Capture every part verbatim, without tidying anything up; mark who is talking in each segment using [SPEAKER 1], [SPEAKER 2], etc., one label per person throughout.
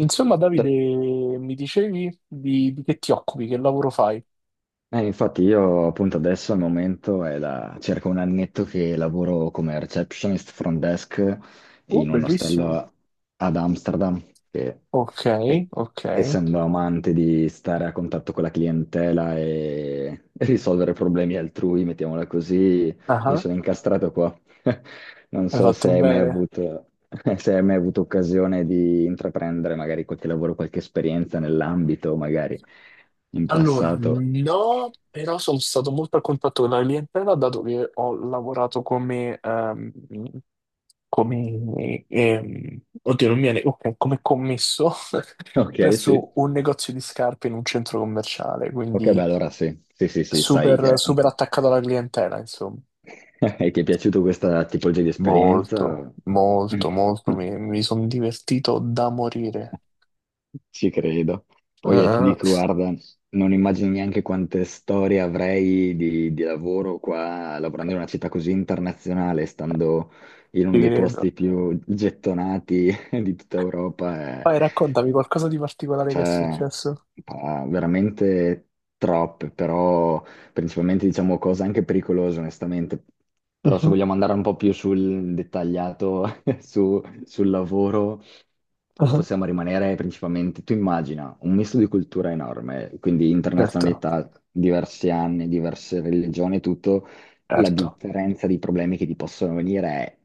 [SPEAKER 1] Insomma,
[SPEAKER 2] Eh,
[SPEAKER 1] Davide, mi dicevi di, di che ti occupi, che lavoro fai?
[SPEAKER 2] Infatti io appunto adesso al momento è da circa un annetto che lavoro come receptionist front desk
[SPEAKER 1] Oh,
[SPEAKER 2] in un
[SPEAKER 1] bellissimo.
[SPEAKER 2] ostello ad Amsterdam, che
[SPEAKER 1] Ok,
[SPEAKER 2] e-
[SPEAKER 1] ok.
[SPEAKER 2] essendo amante di stare a contatto con la clientela e e risolvere problemi altrui, mettiamola così, mi
[SPEAKER 1] Ah,
[SPEAKER 2] sono incastrato qua. Non
[SPEAKER 1] hai
[SPEAKER 2] so
[SPEAKER 1] fatto
[SPEAKER 2] se hai mai
[SPEAKER 1] bene.
[SPEAKER 2] avuto, se hai mai avuto occasione di intraprendere magari qualche lavoro, qualche esperienza nell'ambito, magari in
[SPEAKER 1] Allora,
[SPEAKER 2] passato.
[SPEAKER 1] no, però sono stato molto a contatto con la clientela, dato che ho lavorato come, ehm, come, ehm, oddio, non mi viene, ok, come commesso
[SPEAKER 2] Ok, sì.
[SPEAKER 1] presso un negozio di scarpe in un centro commerciale,
[SPEAKER 2] Ok, beh,
[SPEAKER 1] quindi
[SPEAKER 2] allora sì. Sì, sì, sì, sai
[SPEAKER 1] super,
[SPEAKER 2] che
[SPEAKER 1] super
[SPEAKER 2] anche-
[SPEAKER 1] attaccato alla clientela, insomma.
[SPEAKER 2] e ti è piaciuta questa tipologia di
[SPEAKER 1] Molto,
[SPEAKER 2] esperienza?
[SPEAKER 1] molto, molto. Mi, mi sono divertito da morire.
[SPEAKER 2] Ci credo. Poi eh, ti
[SPEAKER 1] Eh,
[SPEAKER 2] dico, guarda, non immagini neanche quante storie avrei di, di lavoro qua, lavorando in una città così internazionale, stando in uno
[SPEAKER 1] ci
[SPEAKER 2] dei
[SPEAKER 1] credo.
[SPEAKER 2] posti più gettonati di tutta Europa. eh.
[SPEAKER 1] Vai, raccontami qualcosa di particolare che è
[SPEAKER 2] Cioè,
[SPEAKER 1] successo.
[SPEAKER 2] pa- veramente troppe, però principalmente diciamo cose anche pericolose, onestamente. Però se
[SPEAKER 1] Mhm,
[SPEAKER 2] vogliamo andare un po' più sul dettagliato su- sul lavoro,
[SPEAKER 1] mhm.
[SPEAKER 2] possiamo rimanere principalmente, tu immagina, un misto di cultura enorme, quindi
[SPEAKER 1] Certo,
[SPEAKER 2] internazionalità, diversi anni, diverse religioni, tutto la
[SPEAKER 1] certo.
[SPEAKER 2] differenza di problemi che ti possono venire è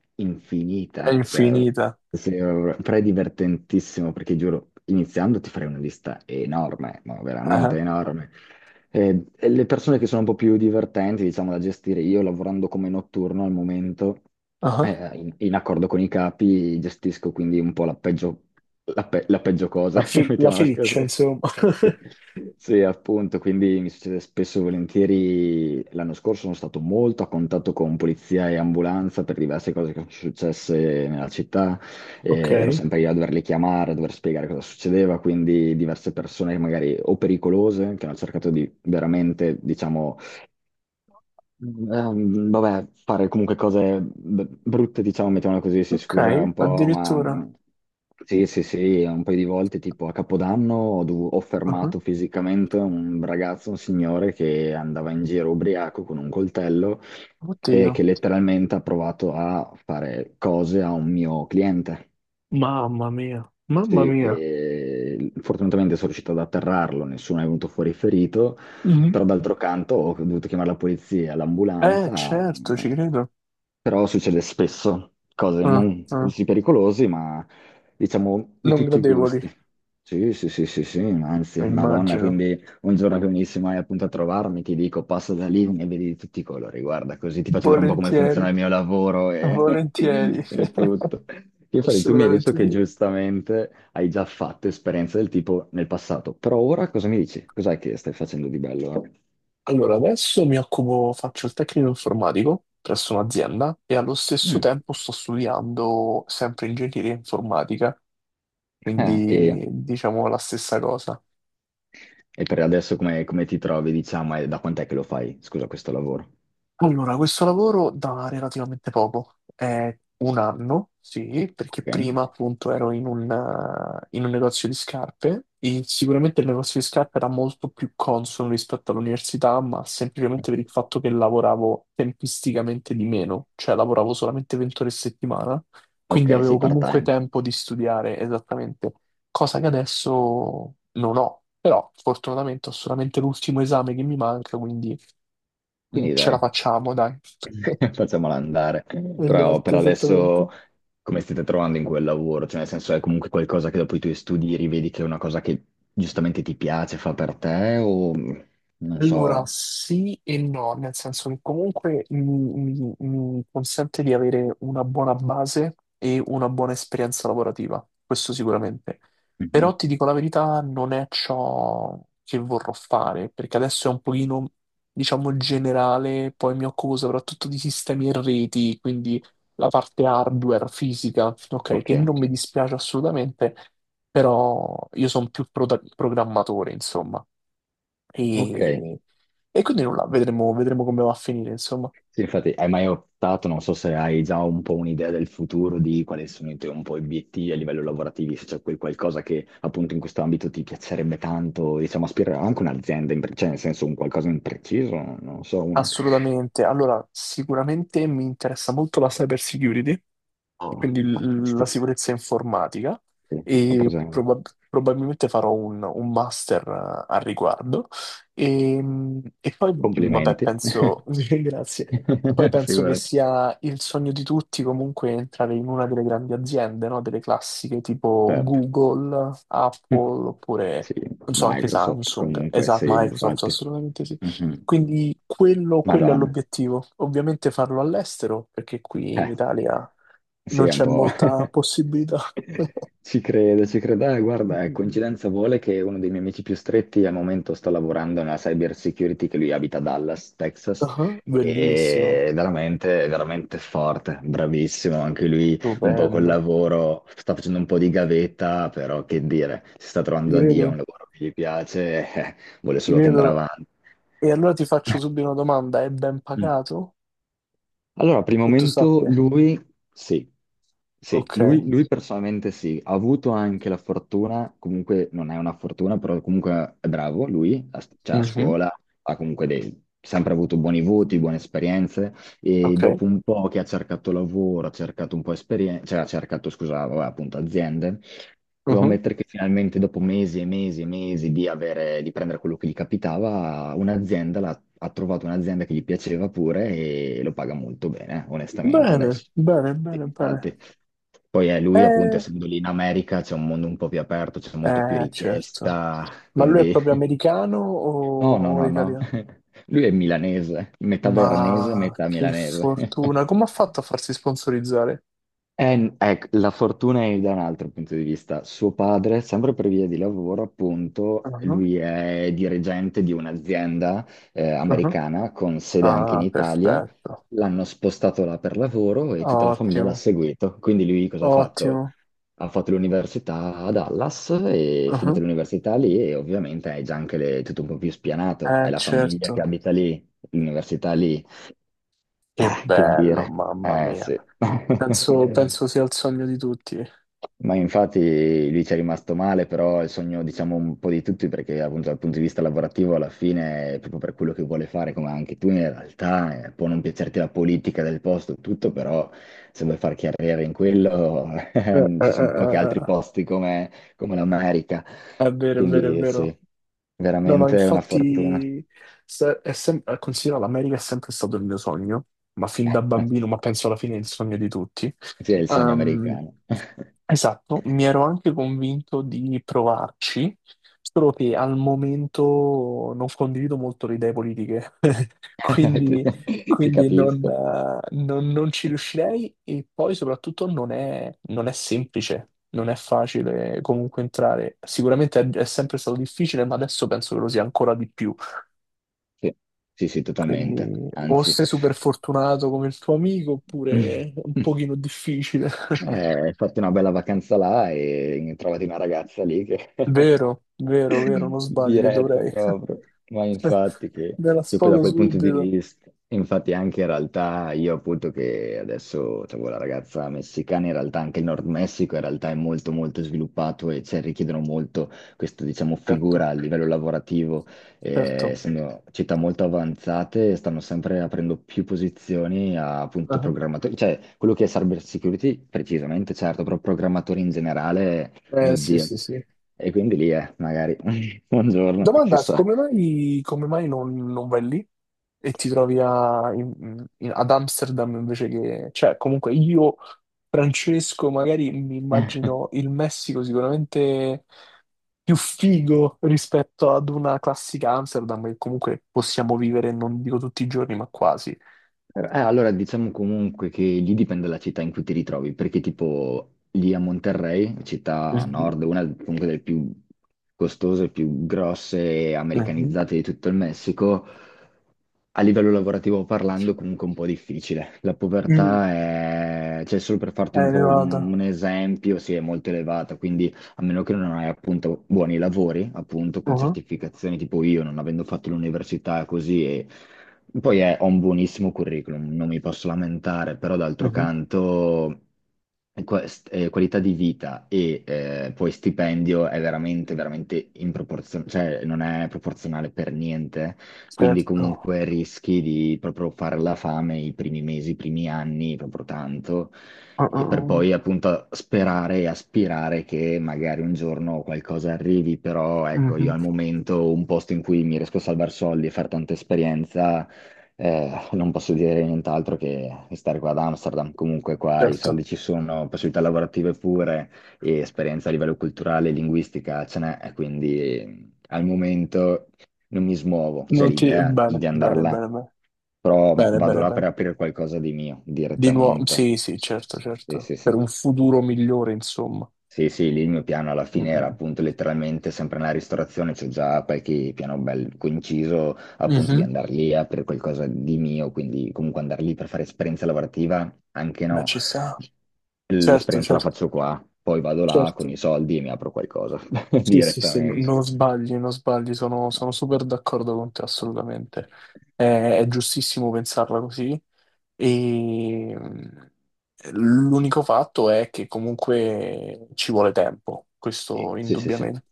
[SPEAKER 1] È
[SPEAKER 2] infinita. Cioè,
[SPEAKER 1] infinita.
[SPEAKER 2] se- però è divertentissimo perché giuro, iniziando ti farei una lista enorme, ma veramente
[SPEAKER 1] Ah,
[SPEAKER 2] enorme. E- e le persone che sono un po' più divertenti, diciamo, da gestire, io lavorando come notturno al momento,
[SPEAKER 1] ah.
[SPEAKER 2] eh, in, in accordo con i capi, gestisco quindi un po' la peggio, la pe- la peggio cosa,
[SPEAKER 1] La, fi- la
[SPEAKER 2] mettiamola
[SPEAKER 1] feccia,
[SPEAKER 2] così.
[SPEAKER 1] insomma.
[SPEAKER 2] Sì, appunto, quindi mi succede spesso e volentieri. L'anno scorso sono stato molto a contatto con polizia e ambulanza per diverse cose che sono successe nella città.
[SPEAKER 1] Ok,
[SPEAKER 2] Eh, ero sempre io a doverle chiamare, a dover spiegare cosa succedeva, quindi diverse persone magari o pericolose che hanno cercato di veramente, diciamo, Ehm, vabbè, fare comunque cose b- brutte, diciamo, mettiamola così, si scusa
[SPEAKER 1] ok,
[SPEAKER 2] un po', ma
[SPEAKER 1] addirittura.
[SPEAKER 2] mh, sì, sì, sì, un paio di volte, tipo a Capodanno, ho, dov- ho
[SPEAKER 1] Ah,
[SPEAKER 2] fermato fisicamente un ragazzo, un signore che andava in giro ubriaco con un coltello e
[SPEAKER 1] oddio.
[SPEAKER 2] che letteralmente ha provato a fare cose a un mio cliente.
[SPEAKER 1] Mamma mia, mamma
[SPEAKER 2] Sì,
[SPEAKER 1] mia.
[SPEAKER 2] e fortunatamente sono riuscito ad atterrarlo, nessuno è venuto fuori ferito,
[SPEAKER 1] Mhm.
[SPEAKER 2] però d'altro canto ho dovuto chiamare la polizia,
[SPEAKER 1] Eh,
[SPEAKER 2] l'ambulanza,
[SPEAKER 1] certo, ci credo.
[SPEAKER 2] però succede spesso, cose
[SPEAKER 1] Ah,
[SPEAKER 2] non
[SPEAKER 1] ah.
[SPEAKER 2] così pericolosi, ma diciamo di
[SPEAKER 1] Non
[SPEAKER 2] tutti i
[SPEAKER 1] gradevoli,
[SPEAKER 2] gusti. Sì, sì, sì, sì, sì, anzi, Madonna,
[SPEAKER 1] immagino.
[SPEAKER 2] quindi un giorno che venissi mai appunto a trovarmi, ti dico, passa da lì e vedi di tutti i colori, guarda, così ti faccio vedere un po' come
[SPEAKER 1] Volentieri.
[SPEAKER 2] funziona il mio lavoro e,
[SPEAKER 1] Volentieri,
[SPEAKER 2] e tutto. Io farei, tu mi hai detto
[SPEAKER 1] assolutamente
[SPEAKER 2] che
[SPEAKER 1] sì.
[SPEAKER 2] giustamente hai già fatto esperienze del tipo nel passato, però ora cosa mi dici? Cos'è che stai facendo di bello?
[SPEAKER 1] Allora, adesso mi occupo, faccio il tecnico informatico presso un'azienda e allo stesso
[SPEAKER 2] Mm.
[SPEAKER 1] tempo sto studiando sempre ingegneria informatica,
[SPEAKER 2] Ah, e
[SPEAKER 1] quindi diciamo la stessa cosa.
[SPEAKER 2] E per adesso come, come ti trovi, diciamo, e da quant'è che lo fai? Scusa, questo lavoro.
[SPEAKER 1] Allora, questo lavoro da relativamente poco, è un anno, sì, perché
[SPEAKER 2] Ok,
[SPEAKER 1] prima appunto ero in un, eh, in un negozio di scarpe e sicuramente il negozio di scarpe era molto più consono rispetto all'università, ma semplicemente per il fatto che lavoravo tempisticamente di meno, cioè lavoravo solamente venti ore a settimana,
[SPEAKER 2] ok,
[SPEAKER 1] quindi
[SPEAKER 2] sei
[SPEAKER 1] avevo comunque
[SPEAKER 2] part-time.
[SPEAKER 1] tempo di studiare esattamente, cosa che adesso non ho, però fortunatamente ho solamente l'ultimo esame che mi manca, quindi
[SPEAKER 2] Quindi
[SPEAKER 1] ce la
[SPEAKER 2] dai,
[SPEAKER 1] facciamo, dai.
[SPEAKER 2] facciamola andare. Però
[SPEAKER 1] Esatto,
[SPEAKER 2] per
[SPEAKER 1] esattamente.
[SPEAKER 2] adesso come state trovando in quel lavoro? Cioè, nel senso, è comunque qualcosa che dopo i tuoi studi rivedi che è una cosa che giustamente ti piace, fa per te o non
[SPEAKER 1] Allora,
[SPEAKER 2] so.
[SPEAKER 1] sì e no, nel senso che comunque mi, mi- mi consente di avere una buona base e una buona esperienza lavorativa, questo sicuramente.
[SPEAKER 2] Mhm.
[SPEAKER 1] Però ti dico la verità, non è ciò che vorrò fare, perché adesso è un pochino, diciamo, generale, poi mi occupo soprattutto di sistemi e reti, quindi la parte hardware, fisica, ok,
[SPEAKER 2] Ok,
[SPEAKER 1] che non mi dispiace assolutamente, però io sono più pro- programmatore, insomma.
[SPEAKER 2] ok.
[SPEAKER 1] E, e quindi nulla, vedremo, vedremo come va a finire, insomma.
[SPEAKER 2] Sì, infatti, hai mai optato, non so se hai già un po' un'idea del futuro, di quali sono i tuoi un po' obiettivi a livello lavorativo, se c'è quel qualcosa che appunto in questo ambito ti piacerebbe tanto, diciamo, aspirare anche un'azienda, in pre- cioè nel senso un qualcosa in preciso, non so, un...
[SPEAKER 1] Assolutamente. Allora, sicuramente mi interessa molto la cyber security,
[SPEAKER 2] Oh,
[SPEAKER 1] quindi l- la
[SPEAKER 2] fantastico,
[SPEAKER 1] sicurezza informatica,
[SPEAKER 2] sì, ho
[SPEAKER 1] e
[SPEAKER 2] preso-
[SPEAKER 1] probab- probabilmente farò un, un master eh, al riguardo. E, e poi, mh, vabbè,
[SPEAKER 2] Complimenti.
[SPEAKER 1] penso, grazie. Poi penso che
[SPEAKER 2] Figurati,
[SPEAKER 1] sia il sogno di tutti comunque entrare in una delle grandi aziende, no? Delle classiche tipo
[SPEAKER 2] certo.
[SPEAKER 1] Google, Apple, oppure,
[SPEAKER 2] Sì,
[SPEAKER 1] non so, anche
[SPEAKER 2] Microsoft
[SPEAKER 1] Samsung,
[SPEAKER 2] comunque,
[SPEAKER 1] esatto,
[SPEAKER 2] sì,
[SPEAKER 1] Microsoft,
[SPEAKER 2] infatti.
[SPEAKER 1] assolutamente sì.
[SPEAKER 2] Mhm.
[SPEAKER 1] Quindi quello, quello è
[SPEAKER 2] Madonna.
[SPEAKER 1] l'obiettivo. Ovviamente farlo all'estero, perché qui in
[SPEAKER 2] Eh,
[SPEAKER 1] Italia
[SPEAKER 2] sì,
[SPEAKER 1] non
[SPEAKER 2] è un
[SPEAKER 1] c'è
[SPEAKER 2] po'...
[SPEAKER 1] molta possibilità.
[SPEAKER 2] Ci credo, ci credo. Eh,
[SPEAKER 1] Mm,
[SPEAKER 2] guarda, eh,
[SPEAKER 1] mm,
[SPEAKER 2] coincidenza vuole che uno dei miei amici più stretti al momento sta lavorando nella cyber security, che lui abita a Dallas, Texas,
[SPEAKER 1] ah, bellissimo,
[SPEAKER 2] e è veramente, è veramente forte, bravissimo. Anche lui un po' col
[SPEAKER 1] stupendo.
[SPEAKER 2] lavoro, sta facendo un po' di gavetta, però che dire, si sta
[SPEAKER 1] Ti
[SPEAKER 2] trovando da Dio,
[SPEAKER 1] credo,
[SPEAKER 2] è un lavoro che gli piace, eh, vuole
[SPEAKER 1] ti
[SPEAKER 2] solo che andrà
[SPEAKER 1] credo.
[SPEAKER 2] avanti.
[SPEAKER 1] E allora ti faccio subito una domanda: è ben pagato?
[SPEAKER 2] Allora, primo
[SPEAKER 1] Che tu
[SPEAKER 2] momento
[SPEAKER 1] sappia?
[SPEAKER 2] lui sì, sì,
[SPEAKER 1] Ok.
[SPEAKER 2] lui, lui personalmente sì, ha avuto anche la fortuna, comunque non è una fortuna, però comunque è bravo lui, a- cioè a
[SPEAKER 1] Mhm.
[SPEAKER 2] scuola ha comunque dei- sempre avuto buoni voti, buone esperienze e
[SPEAKER 1] Ok.
[SPEAKER 2] dopo un po' che ha cercato lavoro, ha cercato un po' esperienza, cioè ha cercato, scusa, vabbè, appunto aziende, devo
[SPEAKER 1] Mhm.
[SPEAKER 2] ammettere che finalmente dopo mesi e mesi e mesi di avere, di prendere quello che gli capitava, un'azienda l'ha ha trovato un'azienda che gli piaceva pure e lo paga molto bene, eh, onestamente,
[SPEAKER 1] Bene,
[SPEAKER 2] adesso.
[SPEAKER 1] bene, bene, bene.
[SPEAKER 2] Infatti. Poi eh, lui, appunto,
[SPEAKER 1] Eh,
[SPEAKER 2] essendo lì in America, c'è un mondo un po' più aperto, c'è molto più
[SPEAKER 1] eh, certo.
[SPEAKER 2] richiesta,
[SPEAKER 1] Ma lui è
[SPEAKER 2] quindi...
[SPEAKER 1] proprio americano o,
[SPEAKER 2] No, no,
[SPEAKER 1] o
[SPEAKER 2] no, no.
[SPEAKER 1] italiano?
[SPEAKER 2] Lui è milanese, metà veronese,
[SPEAKER 1] Ma
[SPEAKER 2] metà
[SPEAKER 1] che
[SPEAKER 2] milanese.
[SPEAKER 1] fortuna! Come ha fatto a farsi sponsorizzare?
[SPEAKER 2] Eh, ecco, la fortuna è da un altro punto di vista. Suo padre, sempre per via di lavoro, appunto,
[SPEAKER 1] Ah,
[SPEAKER 2] lui è dirigente di un'azienda eh,
[SPEAKER 1] ah.
[SPEAKER 2] americana con sede anche in
[SPEAKER 1] Ah,
[SPEAKER 2] Italia.
[SPEAKER 1] perfetto.
[SPEAKER 2] L'hanno spostato là per lavoro e tutta la famiglia l'ha
[SPEAKER 1] Ottimo,
[SPEAKER 2] seguito. Quindi lui cosa ha fatto?
[SPEAKER 1] ottimo.
[SPEAKER 2] Ha fatto l'università a Dallas e
[SPEAKER 1] Ah,
[SPEAKER 2] finita l'università lì e ovviamente hai già anche le- tutto un po' più spianato.
[SPEAKER 1] eh,
[SPEAKER 2] Hai la famiglia che
[SPEAKER 1] certo.
[SPEAKER 2] abita lì, l'università lì.
[SPEAKER 1] Che
[SPEAKER 2] Ah, che
[SPEAKER 1] bello,
[SPEAKER 2] dire.
[SPEAKER 1] mamma
[SPEAKER 2] Eh
[SPEAKER 1] mia.
[SPEAKER 2] sì.
[SPEAKER 1] Penso, penso sia il sogno di tutti. Eh,
[SPEAKER 2] Ma infatti lui ci è rimasto male, però è il sogno, diciamo, un po' di tutti, perché appunto dal punto di vista lavorativo alla fine, proprio per quello che vuole fare, come anche tu in realtà, eh, può non piacerti la politica del posto, e tutto, però se vuoi far carriera in quello,
[SPEAKER 1] eh, eh,
[SPEAKER 2] ci sono pochi
[SPEAKER 1] eh,
[SPEAKER 2] altri
[SPEAKER 1] eh.
[SPEAKER 2] posti come, come l'America.
[SPEAKER 1] È vero, è vero, è
[SPEAKER 2] Quindi sì,
[SPEAKER 1] vero. No, no,
[SPEAKER 2] veramente è una fortuna.
[SPEAKER 1] infatti, se- è sem- eh, considera l'America è sempre stato il mio sogno, ma fin da bambino, ma penso alla fine è il sogno di tutti.
[SPEAKER 2] Sì, è il sogno
[SPEAKER 1] Ehm,
[SPEAKER 2] americano.
[SPEAKER 1] Esatto, mi ero anche convinto di provarci, solo che al momento non condivido molto le idee politiche, quindi,
[SPEAKER 2] Ti, ti
[SPEAKER 1] quindi non,
[SPEAKER 2] capisco.
[SPEAKER 1] eh, non- non ci riuscirei e poi soprattutto non è, non è semplice, non è facile comunque entrare. Sicuramente è, è sempre stato difficile, ma adesso penso che lo sia ancora di più.
[SPEAKER 2] Sì, sì, sì, totalmente.
[SPEAKER 1] Quindi o
[SPEAKER 2] Anzi.
[SPEAKER 1] sei super fortunato come il tuo amico oppure è un pochino difficile.
[SPEAKER 2] Eh, fatti una bella vacanza là e trovati una ragazza lì che
[SPEAKER 1] Vero, vero, vero, non sbagli,
[SPEAKER 2] Diretto
[SPEAKER 1] dovrei.
[SPEAKER 2] proprio, ma infatti che,
[SPEAKER 1] Ve la
[SPEAKER 2] che poi da
[SPEAKER 1] sfogo
[SPEAKER 2] quel punto di
[SPEAKER 1] subito.
[SPEAKER 2] vista, infatti anche in realtà io appunto che adesso avevo la ragazza messicana, in realtà anche il Nord Messico in realtà è molto molto sviluppato e cioè, richiedono molto questa diciamo
[SPEAKER 1] Certo.
[SPEAKER 2] figura a livello lavorativo, eh,
[SPEAKER 1] Certo.
[SPEAKER 2] essendo città molto avanzate stanno sempre aprendo più posizioni a appunto
[SPEAKER 1] Ah,
[SPEAKER 2] programmatori, cioè quello che è cyber security precisamente certo, però programmatori in generale,
[SPEAKER 1] eh
[SPEAKER 2] mio
[SPEAKER 1] sì,
[SPEAKER 2] Dio.
[SPEAKER 1] sì, sì.
[SPEAKER 2] E quindi lì è, magari, un giorno,
[SPEAKER 1] Domanda,
[SPEAKER 2] chissà.
[SPEAKER 1] come mai, come mai non, non vai lì e ti trovi a- in- in- ad Amsterdam invece che... Cioè, comunque io, Francesco, magari mi immagino il Messico sicuramente più figo rispetto ad una classica Amsterdam che comunque possiamo vivere, non dico tutti i giorni, ma quasi.
[SPEAKER 2] Eh, allora diciamo comunque che lì dipende dalla città in cui ti ritrovi, perché tipo lì a Monterrey, città a
[SPEAKER 1] Mhm,
[SPEAKER 2] nord, una comunque delle più costose, più grosse e
[SPEAKER 1] mhm,
[SPEAKER 2] americanizzate di tutto il Messico, a livello lavorativo parlando, comunque è un po' difficile. La
[SPEAKER 1] mm.
[SPEAKER 2] povertà è, cioè, solo per farti un
[SPEAKER 1] Eh,
[SPEAKER 2] po' un,
[SPEAKER 1] Nevada.
[SPEAKER 2] un esempio, sì, è molto elevata, quindi a meno che non hai appunto buoni lavori, appunto, con
[SPEAKER 1] Uh-huh.
[SPEAKER 2] certificazioni tipo io, non avendo fatto l'università così, e poi è- ho un buonissimo curriculum, non mi posso lamentare, però d'altro canto quest- eh, qualità di vita e eh, poi stipendio è veramente, veramente in proporzione, cioè non è proporzionale per niente quindi
[SPEAKER 1] Certo.
[SPEAKER 2] comunque rischi di proprio fare la fame i primi mesi, i primi anni, proprio tanto,
[SPEAKER 1] Ah, ah,
[SPEAKER 2] e per poi
[SPEAKER 1] ah.
[SPEAKER 2] appunto sperare e aspirare che magari un giorno qualcosa arrivi, però ecco, io
[SPEAKER 1] Mhm.
[SPEAKER 2] al momento un posto in cui mi riesco a salvare soldi e fare tanta esperienza, eh, non posso dire nient'altro che stare qua ad Amsterdam, comunque qua i soldi
[SPEAKER 1] Certo.
[SPEAKER 2] ci sono, possibilità lavorative pure e esperienza a livello culturale e linguistica ce n'è, quindi eh, al momento non mi smuovo, c'è
[SPEAKER 1] Non ti...
[SPEAKER 2] l'idea
[SPEAKER 1] Bene,
[SPEAKER 2] di andare
[SPEAKER 1] bene,
[SPEAKER 2] là,
[SPEAKER 1] bene, bene,
[SPEAKER 2] però
[SPEAKER 1] bene,
[SPEAKER 2] vado
[SPEAKER 1] bene,
[SPEAKER 2] là per
[SPEAKER 1] bene.
[SPEAKER 2] aprire qualcosa di mio
[SPEAKER 1] Di nuovo, sì,
[SPEAKER 2] direttamente.
[SPEAKER 1] sì, certo,
[SPEAKER 2] Sì,
[SPEAKER 1] certo.
[SPEAKER 2] sì,
[SPEAKER 1] Per un
[SPEAKER 2] sì.
[SPEAKER 1] futuro migliore, insomma.
[SPEAKER 2] Sì, sì, lì il mio piano alla
[SPEAKER 1] Mm,
[SPEAKER 2] fine era
[SPEAKER 1] mm.
[SPEAKER 2] appunto letteralmente sempre nella ristorazione, c'ho già qualche piano bello coinciso appunto di
[SPEAKER 1] Mhm.
[SPEAKER 2] andare lì a aprire qualcosa di mio, quindi comunque andare lì per fare esperienza lavorativa, anche
[SPEAKER 1] Beh,
[SPEAKER 2] no,
[SPEAKER 1] ci sta. Certo,
[SPEAKER 2] l'esperienza la
[SPEAKER 1] certo,
[SPEAKER 2] faccio qua, poi vado là con
[SPEAKER 1] certo.
[SPEAKER 2] i soldi e mi apro qualcosa
[SPEAKER 1] Sì, sì, sì, n-
[SPEAKER 2] direttamente.
[SPEAKER 1] non sbagli, non sbagli, sono, sono super d'accordo con te, assolutamente. È, è giustissimo pensarla così. E mm, l'unico fatto è che comunque ci vuole tempo,
[SPEAKER 2] Sì,
[SPEAKER 1] questo
[SPEAKER 2] sì, sì. Sì.
[SPEAKER 1] indubbiamente.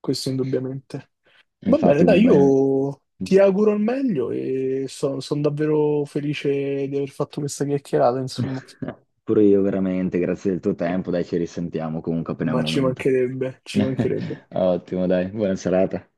[SPEAKER 1] Questo indubbiamente. Va
[SPEAKER 2] Infatti
[SPEAKER 1] bene, dai,
[SPEAKER 2] un bel...
[SPEAKER 1] io ti auguro il meglio e sono davvero felice di aver fatto questa chiacchierata, insomma,
[SPEAKER 2] Pure io veramente, grazie del tuo tempo, dai, ci risentiamo comunque appena è
[SPEAKER 1] ma
[SPEAKER 2] un
[SPEAKER 1] ci
[SPEAKER 2] momento.
[SPEAKER 1] mancherebbe, ci mancherebbe.
[SPEAKER 2] Ottimo, dai, buona serata.